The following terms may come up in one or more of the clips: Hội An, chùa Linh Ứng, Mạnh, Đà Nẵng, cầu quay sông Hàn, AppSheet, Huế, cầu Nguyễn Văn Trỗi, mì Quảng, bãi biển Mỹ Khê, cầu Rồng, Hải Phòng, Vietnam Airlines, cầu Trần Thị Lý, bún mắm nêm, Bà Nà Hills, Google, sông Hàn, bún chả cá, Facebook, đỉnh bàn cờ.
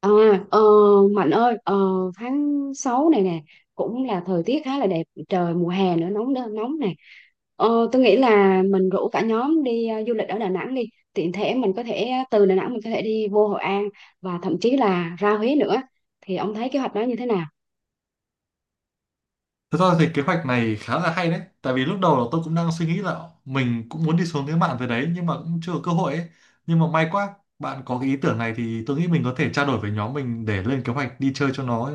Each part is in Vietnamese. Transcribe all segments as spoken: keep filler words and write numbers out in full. À, ờ, Mạnh ơi, ờ, tháng sáu này nè cũng là thời tiết khá là đẹp, trời mùa hè nữa nóng đ- nóng này. Ờ, tôi nghĩ là mình rủ cả nhóm đi ờ, du lịch ở Đà Nẵng đi, tiện thể mình có thể ờ, từ Đà Nẵng mình có thể đi vô Hội An và thậm chí là ra Huế nữa. Thì ông thấy kế hoạch đó như thế nào? Thật ra thì kế hoạch này khá là hay đấy. Tại vì lúc đầu là tôi cũng đang suy nghĩ là mình cũng muốn đi xuống cái mạn về đấy, nhưng mà cũng chưa có cơ hội ấy. Nhưng mà may quá bạn có cái ý tưởng này, thì tôi nghĩ mình có thể trao đổi với nhóm mình để lên kế hoạch đi chơi cho nó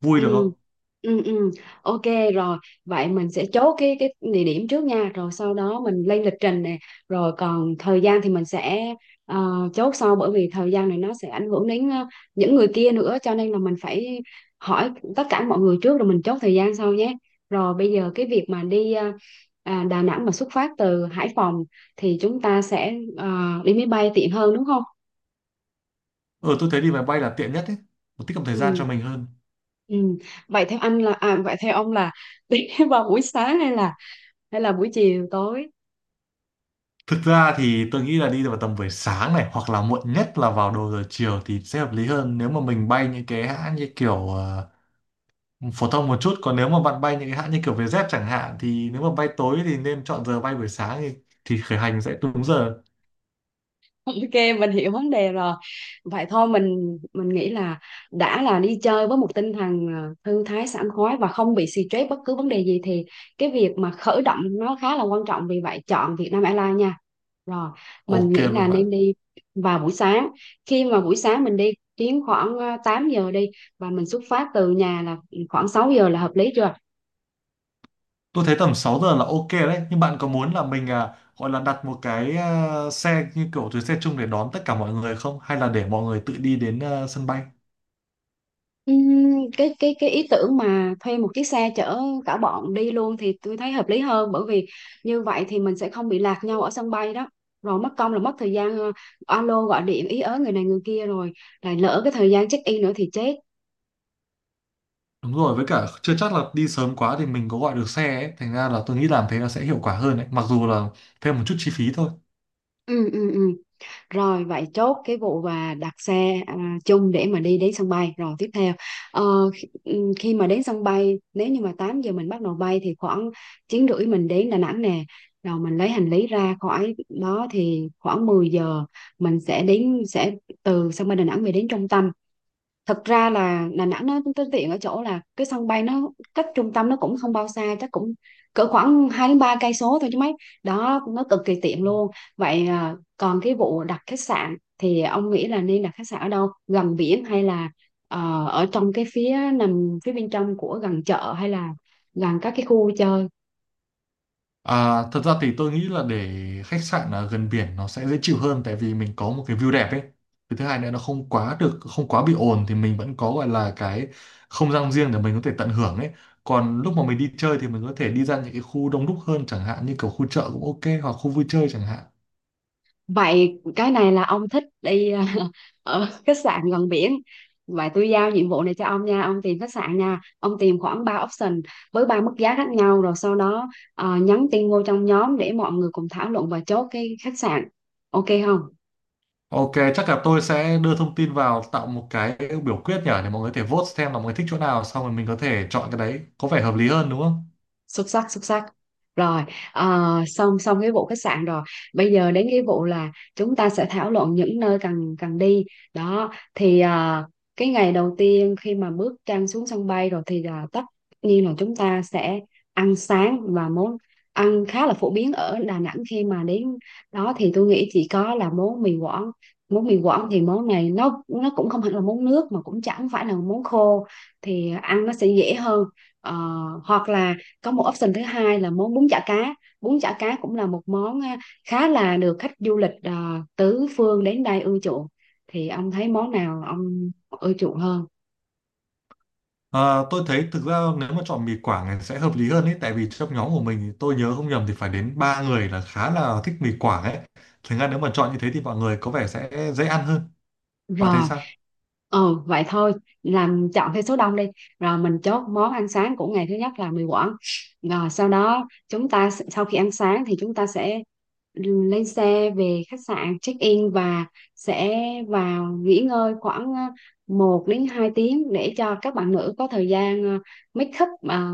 vui được Ừ. không. Ừ, ừ. Ok, rồi vậy mình sẽ chốt cái cái địa điểm trước nha, rồi sau đó mình lên lịch trình nè, rồi còn thời gian thì mình sẽ ờ, chốt sau, bởi vì thời gian này nó sẽ ảnh hưởng đến ờ, những người kia nữa, cho nên là mình phải hỏi tất cả mọi người trước rồi mình chốt thời gian sau nhé. Rồi bây giờ cái việc mà đi ờ, à, Đà Nẵng mà xuất phát từ Hải Phòng thì chúng ta sẽ ờ, đi máy bay tiện hơn, đúng không? Ờ tôi thấy đi máy bay là tiện nhất ấy, nó tiết kiệm thời gian Ừ. cho mình hơn. Ừ. Vậy theo anh là à, vậy theo ông là đi vào buổi sáng hay là hay là buổi chiều tối? Thực ra thì tôi nghĩ là đi vào tầm buổi sáng này, hoặc là muộn nhất là vào đầu giờ chiều thì sẽ hợp lý hơn nếu mà mình bay những cái hãng như kiểu ờ, phổ thông một chút, còn nếu mà bạn bay những cái hãng như kiểu Vietjet chẳng hạn thì nếu mà bay tối thì nên chọn giờ bay buổi sáng thì, thì khởi hành sẽ đúng giờ. Ok, mình hiểu vấn đề rồi. Vậy thôi, mình mình nghĩ là đã là đi chơi với một tinh thần ờ, thư thái sảng khoái và không bị stress bất cứ vấn đề gì thì cái việc mà khởi động nó khá là quan trọng, vì vậy chọn Vietnam Airlines nha. Rồi mình Ok nghĩ luôn là bạn. nên đi vào buổi sáng, khi mà buổi sáng mình đi chuyến khoảng ờ, tám giờ đi, và mình xuất phát từ nhà là khoảng sáu giờ là hợp lý chưa? Tôi thấy tầm sáu giờ là ok đấy, nhưng bạn có muốn là mình à, gọi là đặt một cái à, xe như kiểu chuyến xe chung để đón tất cả mọi người không, hay là để mọi người tự đi đến à, sân bay? Ừm, cái cái cái ý tưởng mà thuê một chiếc xe chở cả bọn đi luôn thì tôi thấy hợp lý hơn, bởi vì như vậy thì mình sẽ không bị lạc nhau ở sân bay đó, rồi mất công là mất thời gian ờ, alo gọi điện ý ớ người này người kia rồi lại lỡ cái thời gian check in nữa thì chết. Đúng rồi, với cả chưa chắc là đi sớm quá thì mình có gọi được xe ấy, thành ra là tôi nghĩ làm thế là sẽ hiệu quả hơn đấy, mặc dù là thêm một chút chi phí thôi. Ừ, ừ, ừ. Rồi vậy chốt cái vụ và đặt xe à, chung để mà đi đến sân bay. Rồi tiếp theo ờ, khi, ừ, khi mà đến sân bay, nếu như mà tám giờ mình bắt đầu bay thì khoảng chín rưỡi mình đến Đà Nẵng nè. Rồi mình lấy hành lý ra khỏi đó thì khoảng mười giờ mình sẽ đến, sẽ từ sân bay Đà Nẵng về đến trung tâm. Thực ra là Đà Nẵng nó tới tiện ở chỗ là cái sân bay nó cách trung tâm nó cũng không bao xa, chắc cũng cỡ khoảng hai đến ba cây số thôi chứ mấy, đó nó cực kỳ tiện luôn. Vậy à, còn cái vụ đặt khách sạn thì ông nghĩ là nên đặt khách sạn ở đâu, gần biển hay là ờ, ở trong cái phía nằm phía bên trong của gần chợ, hay là gần các cái khu chơi? À, thật ra thì tôi nghĩ là để khách sạn ở gần biển nó sẽ dễ chịu hơn, tại vì mình có một cái view đẹp ấy. Cái thứ hai nữa nó không quá được không quá bị ồn thì mình vẫn có gọi là cái không gian riêng để mình có thể tận hưởng ấy. Còn lúc mà mình đi chơi thì mình có thể đi ra những cái khu đông đúc hơn, chẳng hạn như kiểu khu chợ cũng ok, hoặc khu vui chơi chẳng hạn. Vậy cái này là ông thích đi ở khách sạn gần biển. Vậy tôi giao nhiệm vụ này cho ông nha, ông tìm khách sạn nha. Ông tìm khoảng ba option với ba mức giá khác nhau, rồi sau đó ờ, nhắn tin vô trong nhóm để mọi người cùng thảo luận và chốt cái khách sạn. Ok không? Ok, chắc là tôi sẽ đưa thông tin vào tạo một cái biểu quyết nhở, để mọi người có thể vote xem là mọi người thích chỗ nào, xong rồi mình có thể chọn cái đấy. Có vẻ hợp lý hơn đúng không? Xuất sắc, xuất sắc. Rồi ờ, xong xong cái vụ khách sạn rồi, bây giờ đến cái vụ là chúng ta sẽ thảo luận những nơi cần cần đi đó, thì ờ, cái ngày đầu tiên khi mà bước chân xuống sân bay rồi thì là tất nhiên là chúng ta sẽ ăn sáng, và món ăn khá là phổ biến ở Đà Nẵng khi mà đến đó thì tôi nghĩ chỉ có là món mì Quảng. Món mì Quảng thì món này nó nó cũng không hẳn là món nước mà cũng chẳng phải là món khô, thì ăn nó sẽ dễ hơn. Ờ, hoặc là có một option thứ hai là món bún chả cá, bún chả cá cũng là một món à, khá là được khách du lịch à, tứ phương đến đây ưa chuộng. Thì ông thấy món nào ông ưa chuộng hơn? Ờ, tôi thấy thực ra nếu mà chọn mì Quảng thì sẽ hợp lý hơn ấy, tại vì trong nhóm của mình thì tôi nhớ không nhầm thì phải đến ba người là khá là thích mì Quảng ấy, thành ra nếu mà chọn như thế thì mọi người có vẻ sẽ dễ ăn hơn. Bạn thấy Rồi, sao? ừ, vậy thôi làm chọn theo số đông đi. Rồi mình chốt món ăn sáng của ngày thứ nhất là mì Quảng. Rồi sau đó chúng ta s- sau khi ăn sáng thì chúng ta sẽ lên xe về khách sạn check in và sẽ vào nghỉ ngơi khoảng ờ, một đến hai tiếng để cho các bạn nữ có thời gian ờ, make up, ờ,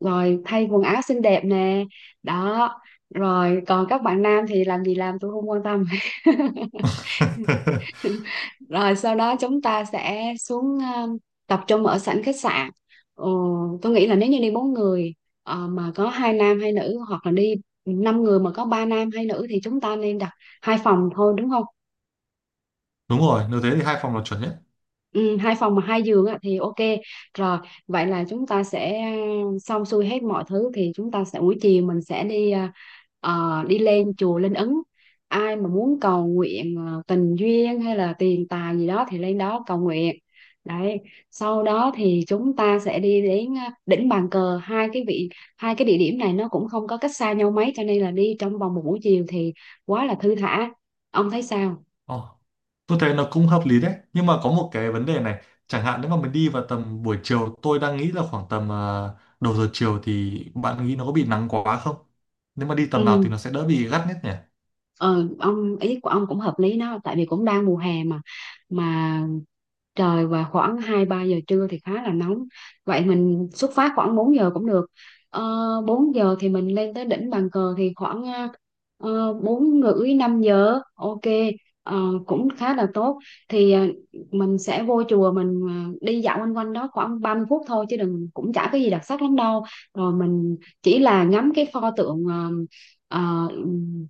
rồi thay quần áo xinh đẹp nè. Đó, rồi còn các bạn nam thì làm gì làm tôi không quan tâm. Rồi sau đó chúng ta sẽ xuống ờ, tập trung ở sảnh khách sạn. ừ, tôi nghĩ là nếu như đi bốn người ờ, mà có hai nam hai nữ, hoặc là đi năm người mà có ba nam hai nữ, thì chúng ta nên đặt hai phòng thôi, đúng không? Đúng rồi, nếu thế thì hai phòng là chuẩn nhất. Ừ, hai phòng mà hai giường á, thì ok. Rồi vậy là chúng ta sẽ ờ, xong xuôi hết mọi thứ thì chúng ta sẽ, buổi chiều mình sẽ đi à, ờ, đi lên chùa Linh Ứng. Ai mà muốn cầu nguyện ờ, tình duyên hay là tiền tài gì đó thì lên đó cầu nguyện đấy. Sau đó thì chúng ta sẽ đi đến à, đỉnh bàn cờ. Hai cái vị hai cái địa điểm này nó cũng không có cách xa nhau mấy cho nên là đi trong vòng một buổi chiều thì quá là thư thả. Ông thấy sao? Ồ, tôi thấy nó cũng hợp lý đấy, nhưng mà có một cái vấn đề này, chẳng hạn nếu mà mình đi vào tầm buổi chiều, tôi đang nghĩ là khoảng tầm ờ, đầu giờ chiều, thì bạn nghĩ nó có bị nắng quá không? Nếu mà đi tầm nào thì Ừ. nó sẽ đỡ bị gắt nhất nhỉ? Ờ, ông, ý của ông cũng hợp lý đó, tại vì cũng đang mùa hè mà mà trời và khoảng hai ba giờ trưa thì khá là nóng. Vậy mình xuất phát khoảng bốn giờ cũng được. Ờ, bốn giờ thì mình lên tới đỉnh bàn cờ thì khoảng ờ, bốn rưỡi năm giờ. Ok. Ờ, cũng khá là tốt. Thì ờ, mình sẽ vô chùa, mình ờ, đi dạo quanh quanh đó khoảng ba mươi phút thôi, chứ đừng, cũng chả cái gì đặc sắc lắm đâu. Rồi mình chỉ là ngắm cái pho tượng ờ, ờ,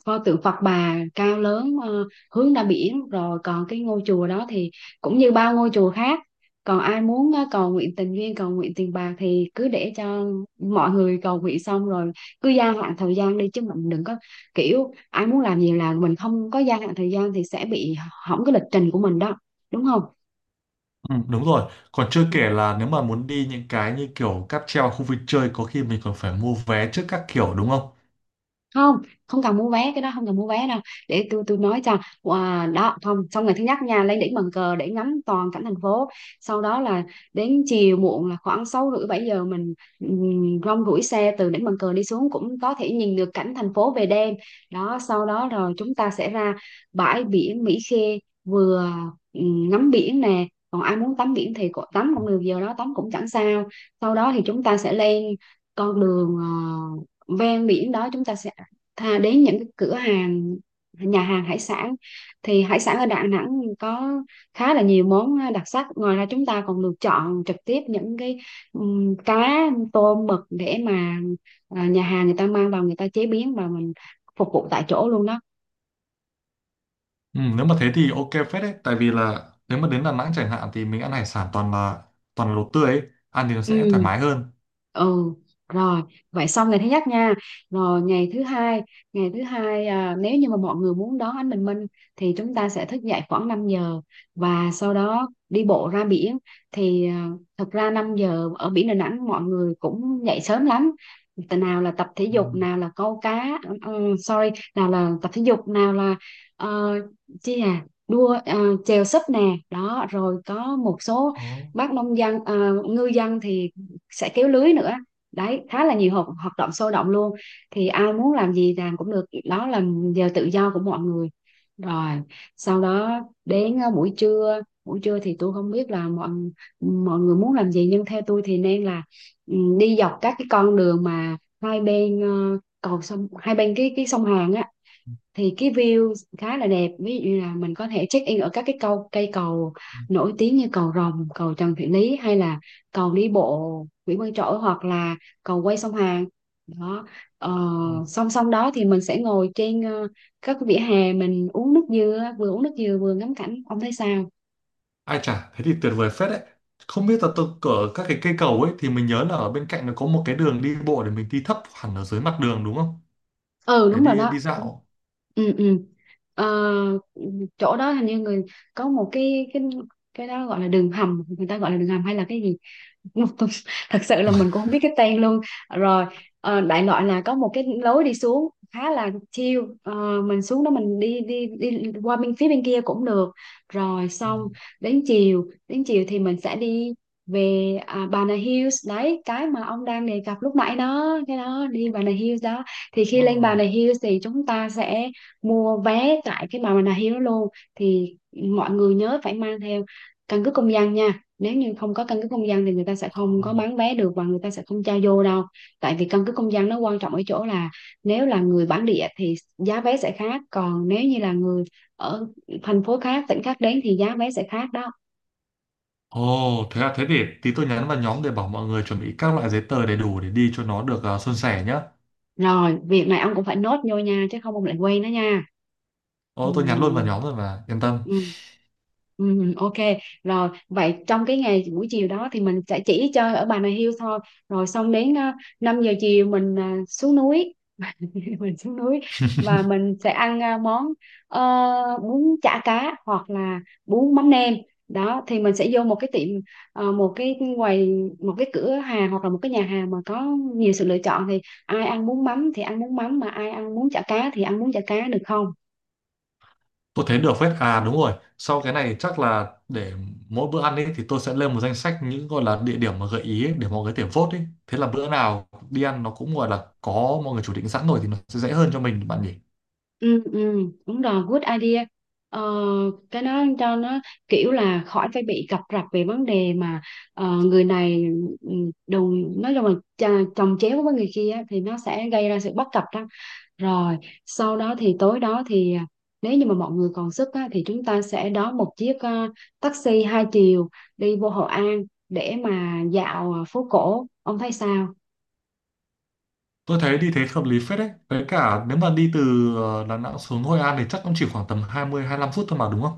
pho tượng Phật Bà cao lớn ờ, hướng ra biển, rồi còn cái ngôi chùa đó thì cũng như bao ngôi chùa khác. Còn ai muốn ờ, cầu nguyện tình duyên, cầu nguyện tiền bạc thì cứ để cho mọi người cầu nguyện xong rồi cứ gia hạn thời gian đi, chứ mình đừng có kiểu ai muốn làm gì là mình không có gia hạn thời gian thì sẽ bị hỏng cái lịch trình của mình đó, đúng không? Ừ, đúng rồi. Còn chưa kể là nếu mà muốn đi những cái như kiểu cáp treo, khu vui chơi, có khi mình còn phải mua vé trước các kiểu đúng không? Không, không cần mua vé, cái đó không cần mua vé đâu, để tôi tôi nói cho. Wow, đó không, xong ngày thứ nhất nha, lên đỉnh bàn cờ để ngắm toàn cảnh thành phố, sau đó là đến chiều muộn là khoảng sáu rưỡi bảy giờ mình um, rong ruổi xe từ đỉnh bàn cờ đi xuống cũng có thể nhìn được cảnh thành phố về đêm. Đó, sau đó rồi chúng ta sẽ ra bãi biển Mỹ Khê, vừa ừm, ngắm biển nè, còn ai muốn tắm biển thì cũng- tắm cũng được, giờ đó tắm cũng chẳng sao. Sau đó thì chúng ta sẽ lên con đường ờ, ven biển đó, chúng ta sẽ thà đến những cái cửa hàng, nhà hàng hải sản. Thì hải sản ở Đà Nẵng có khá là nhiều món đặc sắc, ngoài ra chúng ta còn được chọn trực tiếp những cái ừm, cá tôm mực để mà à, nhà hàng người ta mang vào, người ta chế biến và mình phục vụ tại chỗ luôn đó. Ừ, nếu mà thế thì ok phết đấy. Tại vì là nếu mà đến Đà Nẵng chẳng hạn thì mình ăn hải sản toàn là toàn là đồ tươi ấy. Ăn thì nó sẽ thoải Ừ. mái hơn. Ừ. Rồi vậy xong ngày thứ nhất nha. Rồi ngày thứ hai, ngày thứ hai à, nếu như mà mọi người muốn đón ánh bình minh thì chúng ta sẽ thức dậy khoảng năm giờ và sau đó đi bộ ra biển. Thì à, thực ra năm giờ ở biển Đà Nẵng mọi người cũng dậy sớm lắm. Tại nào là tập thể Ừ. dục, nào là câu cá. ừ, sorry, nào là tập thể dục, nào là ờ, chi à đua ờ, chèo sấp nè. Đó, rồi có một số Ồ, bác nông dân à, ngư dân thì sẽ kéo lưới nữa. Đấy, khá là nhiều hoạt, hoạt động sôi động luôn. Thì ai muốn làm gì làm cũng được, đó là giờ tự do của mọi người. Rồi sau đó đến ờ, buổi trưa, buổi trưa thì tôi không biết là mọi mọi người muốn làm gì, nhưng theo tôi thì nên là ừ, đi dọc các cái con đường mà hai bên ờ, cầu sông, hai bên cái cái sông Hàn á, thì cái view khá là đẹp. Ví dụ như là mình có thể check in ở các cái cầu cây cầu nổi tiếng như Cầu Rồng, cầu Trần Thị Lý hay là cầu đi bộ Nguyễn Văn Trỗi hoặc là cầu quay sông Hàn đó. ờ, ồ. Song song đó thì mình sẽ ngồi trên ờ, các cái vỉa hè, mình uống nước dừa, vừa uống nước dừa vừa ngắm cảnh, ông thấy sao? Ai chả, thế thì tuyệt vời phết đấy. Không biết là tôi ở các cái cây cầu ấy thì mình nhớ là ở bên cạnh nó có một cái đường đi bộ để mình đi thấp hẳn ở dưới mặt đường đúng không? Ừ, Để đúng rồi đi đó. đi Đúng. dạo. Ừ, ừ. Ờ, Chỗ đó hình như người có một cái cái cái đó gọi là đường hầm, người ta gọi là đường hầm hay là cái gì thật sự là mình cũng không biết cái tên luôn. Rồi, ờ, đại loại là có một cái lối đi xuống khá là chill. Ờ, mình xuống đó, mình đi đi đi qua bên phía bên kia cũng được, rồi Ừ. xong. Đến chiều đến chiều thì mình sẽ đi về à, Bà Nà Hills, đấy cái mà ông đang đề cập lúc nãy đó, cái đó đi Bà Nà Hills đó. Thì khi lên Bà Nà Hills thì chúng ta sẽ mua vé tại cái Bà Nà Hills luôn. Thì mọi người nhớ phải mang theo căn cước công dân nha, nếu như không có căn cước công dân thì người ta sẽ Ồ. không có bán vé được và người ta sẽ không cho vô đâu. Tại vì căn cước công dân nó quan trọng ở chỗ là nếu là người bản địa thì giá vé sẽ khác, còn nếu như là người ở thành phố khác, tỉnh khác đến thì giá vé sẽ khác đó. Ồ, thế à, thế để tí tôi nhắn vào nhóm để bảo mọi người chuẩn bị các loại giấy tờ đầy đủ để đi cho nó được uh, suôn sẻ nhá. Rồi việc này ông cũng phải nốt vô nha, chứ không ông lại quên đó nha. Ồ, tôi nhắn luôn vào Ừm. nhóm rồi mà, yên tâm. Ừ. Ừ, ok. Rồi vậy trong cái ngày buổi chiều đó thì mình sẽ chỉ chơi ở Bà Nà Hills thôi, rồi xong đến uh, năm giờ chiều mình à, xuống núi mình xuống núi và mình sẽ ăn à, món ờ, bún chả cá hoặc là bún mắm nêm đó. Thì mình sẽ vô một cái tiệm, ờ, một cái quầy, một cái cửa hàng hoặc là một cái nhà hàng mà có nhiều sự lựa chọn, thì ai ăn bún mắm thì ăn bún mắm, mà ai ăn bún chả cá thì ăn bún chả cá, được không? Tôi thấy được phết. À đúng rồi, sau cái này chắc là để mỗi bữa ăn ấy thì tôi sẽ lên một danh sách những gọi là địa điểm mà gợi ý ấy, để mọi người có thể vote ấy. Thế là bữa nào đi ăn nó cũng gọi là có mọi người chủ định sẵn rồi thì nó sẽ dễ hơn cho mình bạn nhỉ. Ừ, ừ, đúng rồi, good idea. Ờ, cái đó cho nó kiểu là khỏi phải bị cập rập về vấn đề mà ờ, người này ừ, đồng nói chung là ch- chồng chéo với người kia á, thì nó sẽ gây ra sự bất cập đó. Rồi, sau đó thì tối đó thì à, nếu như mà mọi người còn sức á, thì chúng ta sẽ đón một chiếc ờ, taxi hai chiều đi vô Hội An để mà dạo ờ, phố cổ. Ông thấy sao? Tôi thấy đi thế hợp lý phết đấy. Với cả nếu mà đi từ ờ, Đà Nẵng xuống Hội An thì chắc cũng chỉ khoảng tầm hai mươi lăm phút thôi mà đúng không?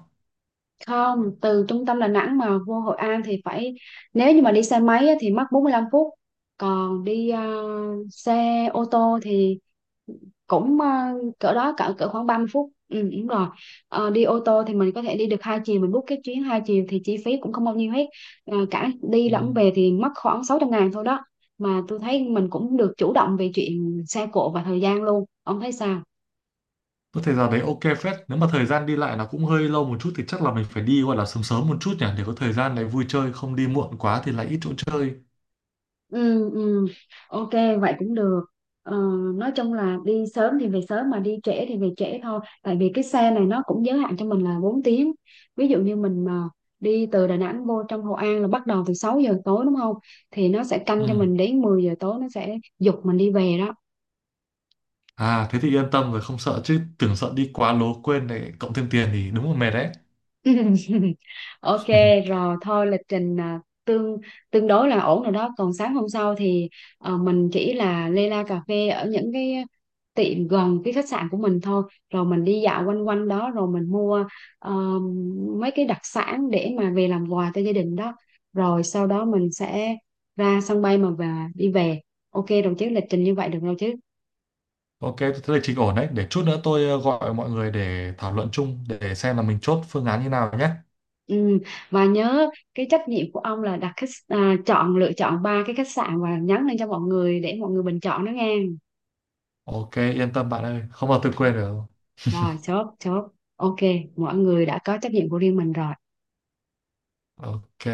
Không, từ trung tâm Đà Nẵng mà vô Hội An thì phải, nếu như mà đi xe máy á, thì mất bốn mươi lăm phút, còn đi ờ, xe ô tô thì cũng ờ, cỡ đó, cỡ cỡ khoảng ba mươi phút, ừ, đúng rồi. Ờ, đi ô tô thì mình có thể đi được hai chiều, mình book cái chuyến hai chiều thì chi phí cũng không bao nhiêu hết. Ờ, cả đi Ừ. lẫn về thì mất khoảng sáu trăm ngàn thôi đó, mà tôi thấy mình cũng được chủ động về chuyện xe cộ và thời gian luôn, ông thấy sao? Có thể giờ đấy ok phết. Nếu mà thời gian đi lại nó cũng hơi lâu một chút, thì chắc là mình phải đi gọi là sớm sớm một chút nhỉ, để có thời gian lại vui chơi, không đi muộn quá thì lại ít chỗ chơi. Ừ, ừ. Ok, vậy cũng được. ờ, nói chung là đi sớm thì về sớm, mà đi trễ thì về trễ thôi, tại vì cái xe này nó cũng giới hạn cho mình là bốn tiếng. Ví dụ như mình mà đi từ Đà Nẵng vô trong Hội An là bắt đầu từ sáu giờ tối, đúng không? Thì nó sẽ canh Ừ. cho mình đến mười giờ tối, nó sẽ giục mình đi về đó. À thế thì yên tâm rồi, không sợ chứ. Tưởng sợ đi quá lố quên để cộng thêm tiền thì đúng là mệt đấy. Ok, rồi thôi lịch trình à, tương tương đối là ổn rồi đó. Còn sáng hôm sau thì ờ, mình chỉ là lê la cà phê ở những cái tiệm gần cái khách sạn của mình thôi, rồi mình đi dạo quanh quanh đó, rồi mình mua ờ, mấy cái đặc sản để mà về làm quà cho gia đình đó. Rồi sau đó mình sẽ ra sân bay mà và đi về. Ok đồng chí, lịch trình như vậy được rồi chứ? Ok, thế là trình ổn đấy. Để chút nữa tôi ờ, gọi mọi người để thảo luận chung, để xem là mình chốt phương án như nào nhé. Ừ, và nhớ cái trách nhiệm của ông là đặt khách à, chọn lựa chọn ba cái khách sạn và nhắn lên cho mọi người để mọi người bình chọn đó nghe. Ok yên tâm bạn ơi, không bao tôi quên được. Rồi, chốt chốt. Ok, mọi người đã có trách nhiệm của riêng mình rồi. Ok.